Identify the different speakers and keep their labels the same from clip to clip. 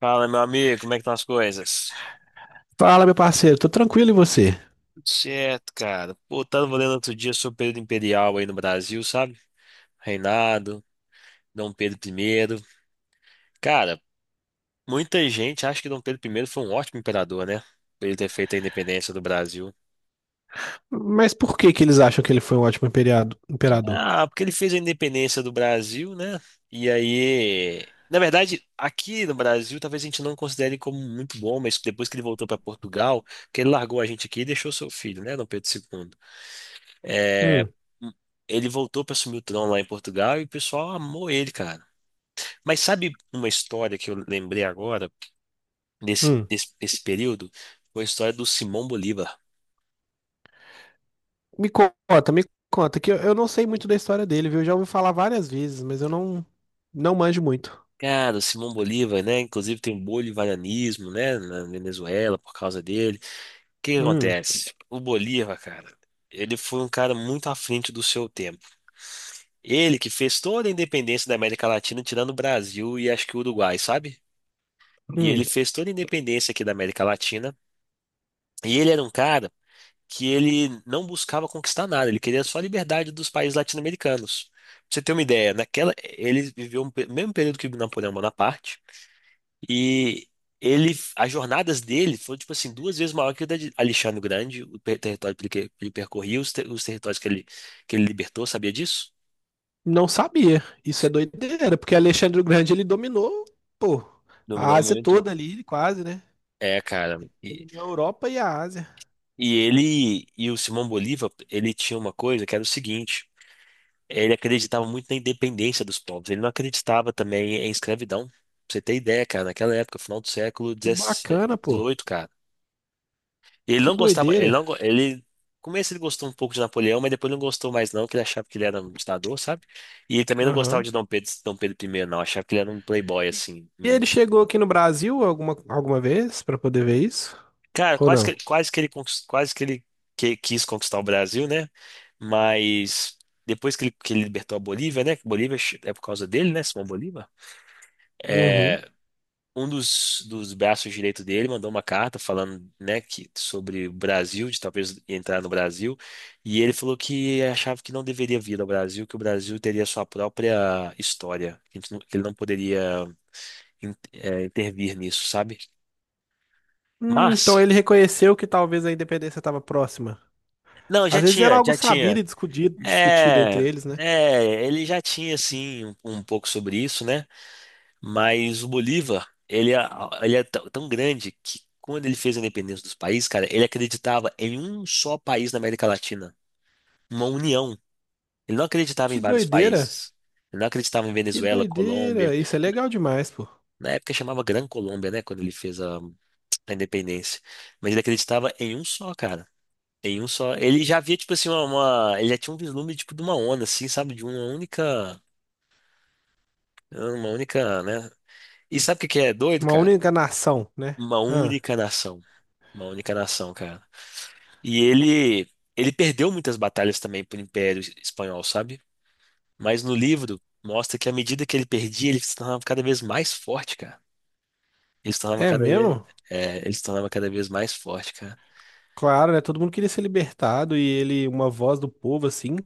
Speaker 1: Fala, meu amigo, como é que estão as coisas?
Speaker 2: Fala, meu parceiro, tô tranquilo e você?
Speaker 1: Tudo certo, cara. Pô, tava lendo outro dia sobre o período imperial aí no Brasil, sabe? Reinado, Dom Pedro I. Cara, muita gente acha que Dom Pedro I foi um ótimo imperador, né? Por ele ter feito a independência do Brasil.
Speaker 2: Mas por que que eles acham que ele foi um ótimo imperador?
Speaker 1: Ah, porque ele fez a independência do Brasil, né? E aí. Na verdade, aqui no Brasil, talvez a gente não considere como muito bom, mas depois que ele voltou para Portugal, que ele largou a gente aqui e deixou seu filho, né, Dom Pedro II. É,
Speaker 2: Hum,
Speaker 1: ele voltou para assumir o trono lá em Portugal e o pessoal amou ele, cara. Mas sabe uma história que eu lembrei agora,
Speaker 2: hum.
Speaker 1: nesse período? Foi a história do Simão Bolívar.
Speaker 2: Me conta, que eu não sei muito da história dele, viu? Eu já ouvi falar várias vezes, mas eu não manjo muito.
Speaker 1: Cara, o Simão Bolívar, né? Inclusive tem o bolivarianismo, né? Na Venezuela, por causa dele. O que que
Speaker 2: Hum,
Speaker 1: acontece? O Bolívar, cara, ele foi um cara muito à frente do seu tempo. Ele que fez toda a independência da América Latina, tirando o Brasil e acho que o Uruguai, sabe? E ele
Speaker 2: hum,
Speaker 1: fez toda a independência aqui da América Latina. E ele era um cara que ele não buscava conquistar nada, ele queria só a liberdade dos países latino-americanos. Pra você ter uma ideia, naquela ele viveu o mesmo período que Napoleão Bonaparte e ele as jornadas dele foram tipo assim duas vezes maior que a de Alexandre o Grande, o território que ele percorria, os territórios que ele libertou, sabia disso?
Speaker 2: não sabia. Isso é doideira, porque Alexandre o Grande, ele dominou, pô, a
Speaker 1: Dominou
Speaker 2: Ásia
Speaker 1: muito.
Speaker 2: toda ali, quase, né?
Speaker 1: É, cara.
Speaker 2: Ele
Speaker 1: E,
Speaker 2: dominou a Europa e a Ásia.
Speaker 1: e ele e o Simão Bolívar, ele tinha uma coisa que era o seguinte. Ele acreditava muito na independência dos povos. Ele não acreditava também em escravidão. Pra você ter ideia, cara, naquela época, final do século
Speaker 2: Que bacana, pô.
Speaker 1: dezoito, cara. Ele
Speaker 2: Que
Speaker 1: não gostava, ele
Speaker 2: doideira.
Speaker 1: não, go- ele, no começo ele gostou um pouco de Napoleão, mas depois não gostou mais não, que ele achava que ele era um ditador, sabe? E ele também não gostava
Speaker 2: Aham.
Speaker 1: de Dom Pedro, Dom Pedro I, não, achava que ele era um playboy
Speaker 2: E
Speaker 1: assim.
Speaker 2: e
Speaker 1: Hum.
Speaker 2: ele chegou aqui no Brasil alguma vez pra poder ver isso?
Speaker 1: Cara,
Speaker 2: Ou não?
Speaker 1: quase que ele conquist- quase que ele que- quis conquistar o Brasil, né? Mas depois que ele, libertou a Bolívia, né? Que Bolívia é por causa dele, né? Simão Bolívar.
Speaker 2: Uhum.
Speaker 1: É, um dos braços direitos dele mandou uma carta falando, né, que, sobre o Brasil, de talvez entrar no Brasil, e ele falou que achava que não deveria vir ao Brasil, que o Brasil teria sua própria história, que ele não poderia intervir nisso, sabe?
Speaker 2: Então
Speaker 1: Mas,
Speaker 2: ele reconheceu que talvez a independência estava próxima.
Speaker 1: não, já
Speaker 2: Às vezes era
Speaker 1: tinha,
Speaker 2: algo
Speaker 1: já
Speaker 2: sabido
Speaker 1: tinha.
Speaker 2: e discutido, discutido entre
Speaker 1: É,
Speaker 2: eles, né?
Speaker 1: é, ele já tinha, assim, um pouco sobre isso, né? Mas o Bolívar, ele é tão tão grande que quando ele fez a independência dos países, cara, ele acreditava em um só país na América Latina, uma união. Ele não acreditava em
Speaker 2: Que
Speaker 1: vários
Speaker 2: doideira!
Speaker 1: países. Ele não acreditava em
Speaker 2: Que
Speaker 1: Venezuela, Colômbia.
Speaker 2: doideira! Isso é legal demais, pô.
Speaker 1: Na época chamava Gran Colômbia, né, quando ele fez a independência. Mas ele acreditava em um só, cara. Em um só. Ele já via, tipo assim, ele já tinha um vislumbre, tipo, de uma onda, assim, sabe? De uma única, né? E sabe o que que é doido,
Speaker 2: Uma
Speaker 1: cara?
Speaker 2: única nação, né?
Speaker 1: Uma
Speaker 2: Ah,
Speaker 1: única nação. Uma única nação, cara. E ele perdeu muitas batalhas também pro Império Espanhol, sabe? Mas no livro mostra que à medida que ele perdia, ele se tornava cada vez mais forte, cara. Ele se tornava
Speaker 2: é
Speaker 1: cada vez,
Speaker 2: mesmo?
Speaker 1: ele se tornava cada vez mais forte, cara.
Speaker 2: Claro, né? Todo mundo queria ser libertado e ele, uma voz do povo, assim,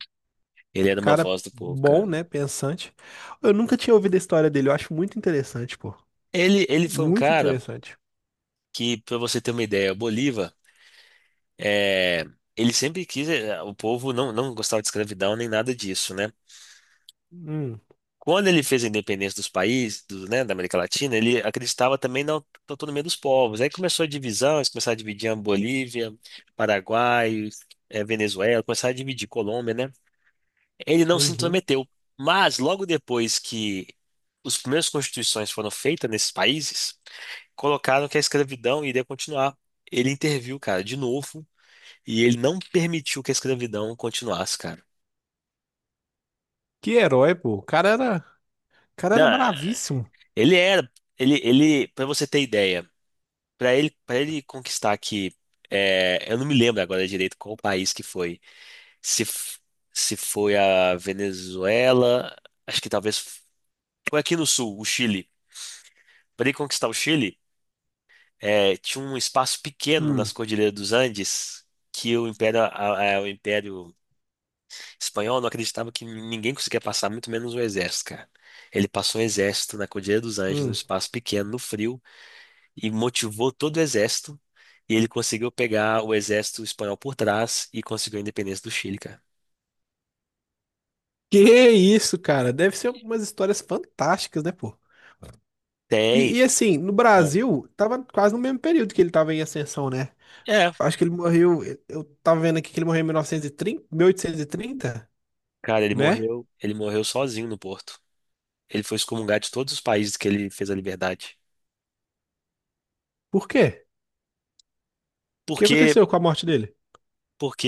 Speaker 1: Ele era
Speaker 2: um
Speaker 1: uma
Speaker 2: cara
Speaker 1: voz do povo,
Speaker 2: bom,
Speaker 1: cara.
Speaker 2: né? Pensante. Eu nunca tinha ouvido a história dele, eu acho muito interessante, pô.
Speaker 1: Ele foi um
Speaker 2: Muito
Speaker 1: cara
Speaker 2: interessante.
Speaker 1: que, pra você ter uma ideia, o Bolívar, é, ele sempre quis, o povo não gostava de escravidão nem nada disso, né?
Speaker 2: Hum,
Speaker 1: Quando ele fez a independência dos países, da América Latina, ele acreditava também na autonomia dos povos. Aí começou a divisão, eles começaram a dividir a Bolívia, Paraguai, Venezuela, começaram a dividir Colômbia, né? Ele não se
Speaker 2: uhum.
Speaker 1: intrometeu. Mas logo depois que as primeiras constituições foram feitas nesses países, colocaram que a escravidão iria continuar. Ele interviu, cara, de novo, e ele não permitiu que a escravidão continuasse, cara.
Speaker 2: Que herói, pô. O cara era
Speaker 1: Não,
Speaker 2: bravíssimo.
Speaker 1: ele era, ele, para você ter ideia. Para ele conquistar aqui, eu não me lembro agora direito qual país que foi. Se, f- Se foi a Venezuela, acho que talvez foi aqui no sul, o Chile. Para ele conquistar o Chile, tinha um espaço pequeno
Speaker 2: Hum,
Speaker 1: nas Cordilheiras dos Andes que o Império Espanhol não acreditava que ninguém conseguia passar, muito menos o exército, cara. Ele passou um exército na Cordilheira dos Andes, num
Speaker 2: hum.
Speaker 1: espaço pequeno, no frio, e motivou todo o exército. E ele conseguiu pegar o exército espanhol por trás e conseguiu a independência do Chile, cara.
Speaker 2: Que isso, cara? Deve ser umas histórias fantásticas, né, pô? E,
Speaker 1: Tem.
Speaker 2: e, assim, no
Speaker 1: É.
Speaker 2: Brasil, tava quase no mesmo período que ele tava em ascensão, né?
Speaker 1: É.
Speaker 2: Acho que ele morreu. Eu tava vendo aqui que ele morreu em 1930, 1830,
Speaker 1: Cara,
Speaker 2: né?
Speaker 1: ele morreu sozinho no Porto. Ele foi excomungado de todos os países que ele fez a liberdade.
Speaker 2: Por quê? O que
Speaker 1: Porque,
Speaker 2: aconteceu com a morte dele?
Speaker 1: porque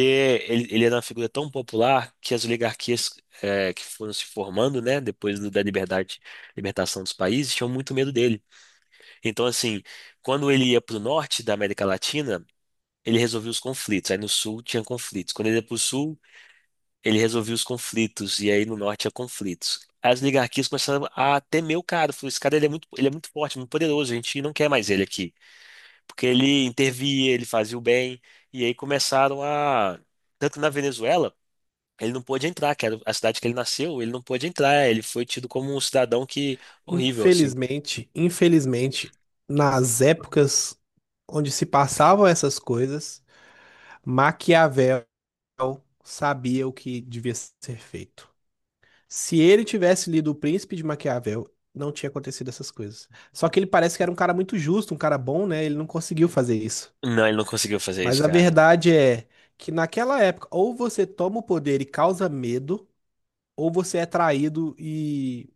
Speaker 1: ele era uma figura tão popular que as oligarquias, que foram se formando, né, depois da liberdade, libertação dos países, tinham muito medo dele. Então, assim, quando ele ia para o norte da América Latina ele resolvia os conflitos. Aí no sul tinha conflitos. Quando ele ia pro sul, ele resolvia os conflitos. E aí no norte tinha conflitos. Aí as oligarquias começaram a temer o cara. Falou, esse cara ele é muito forte, muito poderoso. A gente não quer mais ele aqui. Porque ele intervia, ele fazia o bem. E aí começaram a... Tanto na Venezuela, ele não pôde entrar, que era a cidade que ele nasceu, ele não pôde entrar. Ele foi tido como um cidadão que... Horrível, assim.
Speaker 2: Infelizmente, infelizmente, nas épocas onde se passavam essas coisas, Maquiavel sabia o que devia ser feito. Se ele tivesse lido O Príncipe de Maquiavel, não tinha acontecido essas coisas. Só que ele parece que era um cara muito justo, um cara bom, né? Ele não conseguiu fazer isso.
Speaker 1: Não, ele não conseguiu fazer
Speaker 2: Mas
Speaker 1: isso,
Speaker 2: a
Speaker 1: cara.
Speaker 2: verdade é que naquela época, ou você toma o poder e causa medo, ou você é traído e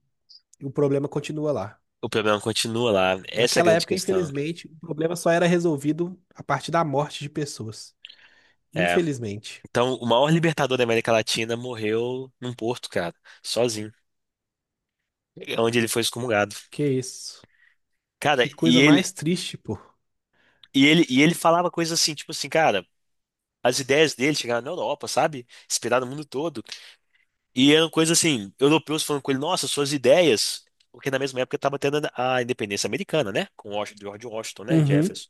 Speaker 2: o problema continua lá.
Speaker 1: O problema continua lá. Essa é a
Speaker 2: Naquela
Speaker 1: grande
Speaker 2: época,
Speaker 1: questão.
Speaker 2: infelizmente, o problema só era resolvido a partir da morte de pessoas.
Speaker 1: É.
Speaker 2: Infelizmente.
Speaker 1: Então, o maior libertador da América Latina morreu num porto, cara, sozinho. É onde ele foi excomungado.
Speaker 2: Que isso?
Speaker 1: Cara,
Speaker 2: Que coisa mais triste, pô.
Speaker 1: e ele falava coisas assim, tipo assim, cara, as ideias dele chegaram na Europa, sabe? Inspiraram o mundo todo. E eram coisas assim, europeus falando com ele, nossa, suas ideias. Porque na mesma época estava tendo a independência americana, né? Com George Washington, né?
Speaker 2: Uhum.
Speaker 1: Jefferson.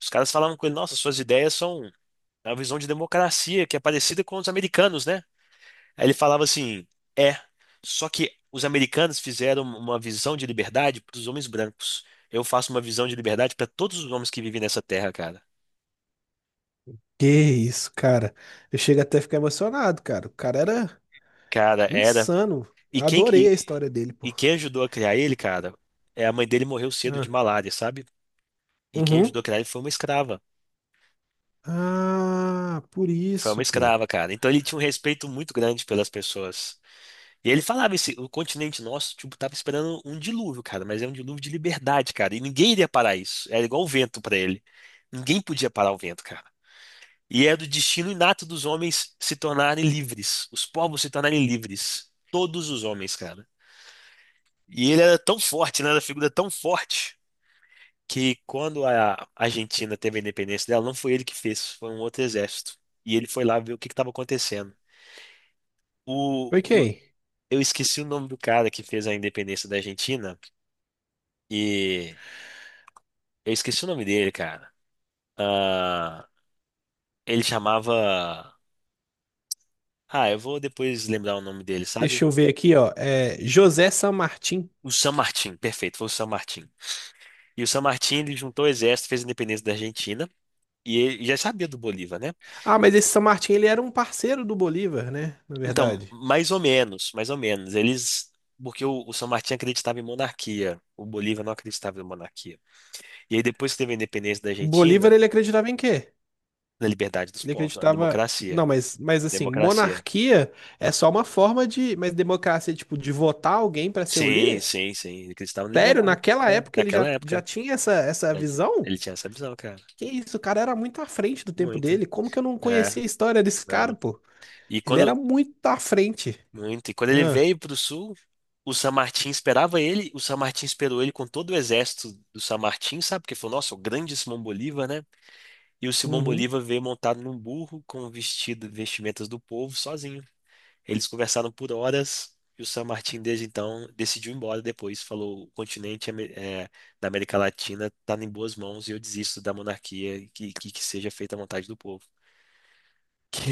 Speaker 1: Os caras falavam com ele, nossa, suas ideias são a visão de democracia, que é parecida com os americanos, né? Aí ele falava assim: é, só que os americanos fizeram uma visão de liberdade para os homens brancos. Eu faço uma visão de liberdade para todos os homens que vivem nessa terra, cara.
Speaker 2: Que isso, cara. Eu chego até a ficar emocionado, cara. O cara era
Speaker 1: Cara, era.
Speaker 2: insano.
Speaker 1: E
Speaker 2: Eu
Speaker 1: quem,
Speaker 2: adorei
Speaker 1: e,
Speaker 2: a história dele, pô.
Speaker 1: e quem ajudou a criar ele, cara, a mãe dele morreu cedo de
Speaker 2: Ah,
Speaker 1: malária, sabe? E quem ajudou
Speaker 2: uhum.
Speaker 1: a criar ele foi uma escrava.
Speaker 2: Ah, por
Speaker 1: Foi uma
Speaker 2: isso, pô.
Speaker 1: escrava, cara. Então ele tinha um respeito muito grande pelas pessoas. E ele falava o continente nosso, tipo, tava esperando um dilúvio, cara, mas é um dilúvio de liberdade, cara, e ninguém iria parar isso. Era igual o vento pra ele. Ninguém podia parar o vento, cara. E é do destino inato dos homens se tornarem livres, os povos se tornarem livres, todos os homens, cara. E ele era tão forte, né, era uma figura tão forte que quando a Argentina teve a independência dela, não foi ele que fez, foi um outro exército. E ele foi lá ver o que estava acontecendo. O,
Speaker 2: Ok.
Speaker 1: o- eu esqueci o nome do cara que fez a independência da Argentina. E eu esqueci o nome dele, cara. Ah, ele chamava. Ah, eu vou depois lembrar o nome dele, sabe?
Speaker 2: Deixa eu ver aqui, ó. É José San Martín.
Speaker 1: O San Martín, perfeito, foi o San Martín. E o San Martín, ele juntou o exército, fez a independência da Argentina, e ele já sabia do Bolívar, né?
Speaker 2: Ah, mas esse San Martín, ele era um parceiro do Bolívar, né? Na
Speaker 1: Então,
Speaker 2: verdade.
Speaker 1: mais ou menos, mais ou menos. Eles. Porque o San Martín acreditava em monarquia, o Bolívar não acreditava em monarquia. E aí, depois que teve a independência da
Speaker 2: O Bolívar,
Speaker 1: Argentina,
Speaker 2: ele acreditava em quê?
Speaker 1: na liberdade dos
Speaker 2: Ele
Speaker 1: povos, a
Speaker 2: acreditava...
Speaker 1: democracia.
Speaker 2: Não, mas assim,
Speaker 1: Democracia.
Speaker 2: monarquia é só uma forma de... Mas democracia é tipo de votar alguém pra ser o
Speaker 1: Sim,
Speaker 2: líder?
Speaker 1: sim, sim. Ele acreditava na
Speaker 2: Sério,
Speaker 1: liberdade.
Speaker 2: naquela
Speaker 1: Né?
Speaker 2: época ele
Speaker 1: Naquela
Speaker 2: já
Speaker 1: época.
Speaker 2: tinha essa
Speaker 1: Né?
Speaker 2: visão?
Speaker 1: Ele tinha essa visão, cara.
Speaker 2: Que isso, o cara era muito à frente do tempo
Speaker 1: Muito.
Speaker 2: dele. Como que eu não
Speaker 1: É,
Speaker 2: conhecia a história desse cara,
Speaker 1: não.
Speaker 2: pô?
Speaker 1: E
Speaker 2: Ele era
Speaker 1: quando...
Speaker 2: muito à frente.
Speaker 1: Muito. E quando ele
Speaker 2: Ah,
Speaker 1: veio pro sul, o San Martín esperava ele, o San Martín esperou ele com todo o exército do San Martín, sabe? Porque falou, nossa, o grande Simão Bolívar, né? E o Simão
Speaker 2: uhum.
Speaker 1: Bolívar veio montado num burro com vestimentas do povo, sozinho. Eles conversaram por horas e o San Martín, desde então, decidiu ir embora depois. Falou: o continente da América Latina está em boas mãos e eu desisto da monarquia e que seja feita a vontade do povo.
Speaker 2: Que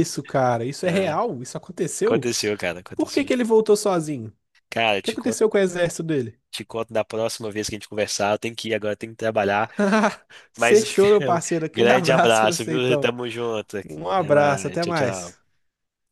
Speaker 2: isso, cara? Isso é
Speaker 1: É,
Speaker 2: real? Isso aconteceu? Por que
Speaker 1: aconteceu.
Speaker 2: que ele voltou sozinho? O
Speaker 1: Cara, eu
Speaker 2: que aconteceu com o exército dele?
Speaker 1: te conto da próxima vez que a gente conversar. Eu tenho que ir agora, eu tenho que trabalhar. Mas
Speaker 2: Fechou, meu
Speaker 1: um
Speaker 2: parceiro. Aquele
Speaker 1: grande
Speaker 2: abraço pra
Speaker 1: abraço,
Speaker 2: você,
Speaker 1: viu?
Speaker 2: então.
Speaker 1: Tamo junto.
Speaker 2: Um
Speaker 1: Até
Speaker 2: abraço,
Speaker 1: mais.
Speaker 2: até
Speaker 1: Tchau, tchau.
Speaker 2: mais.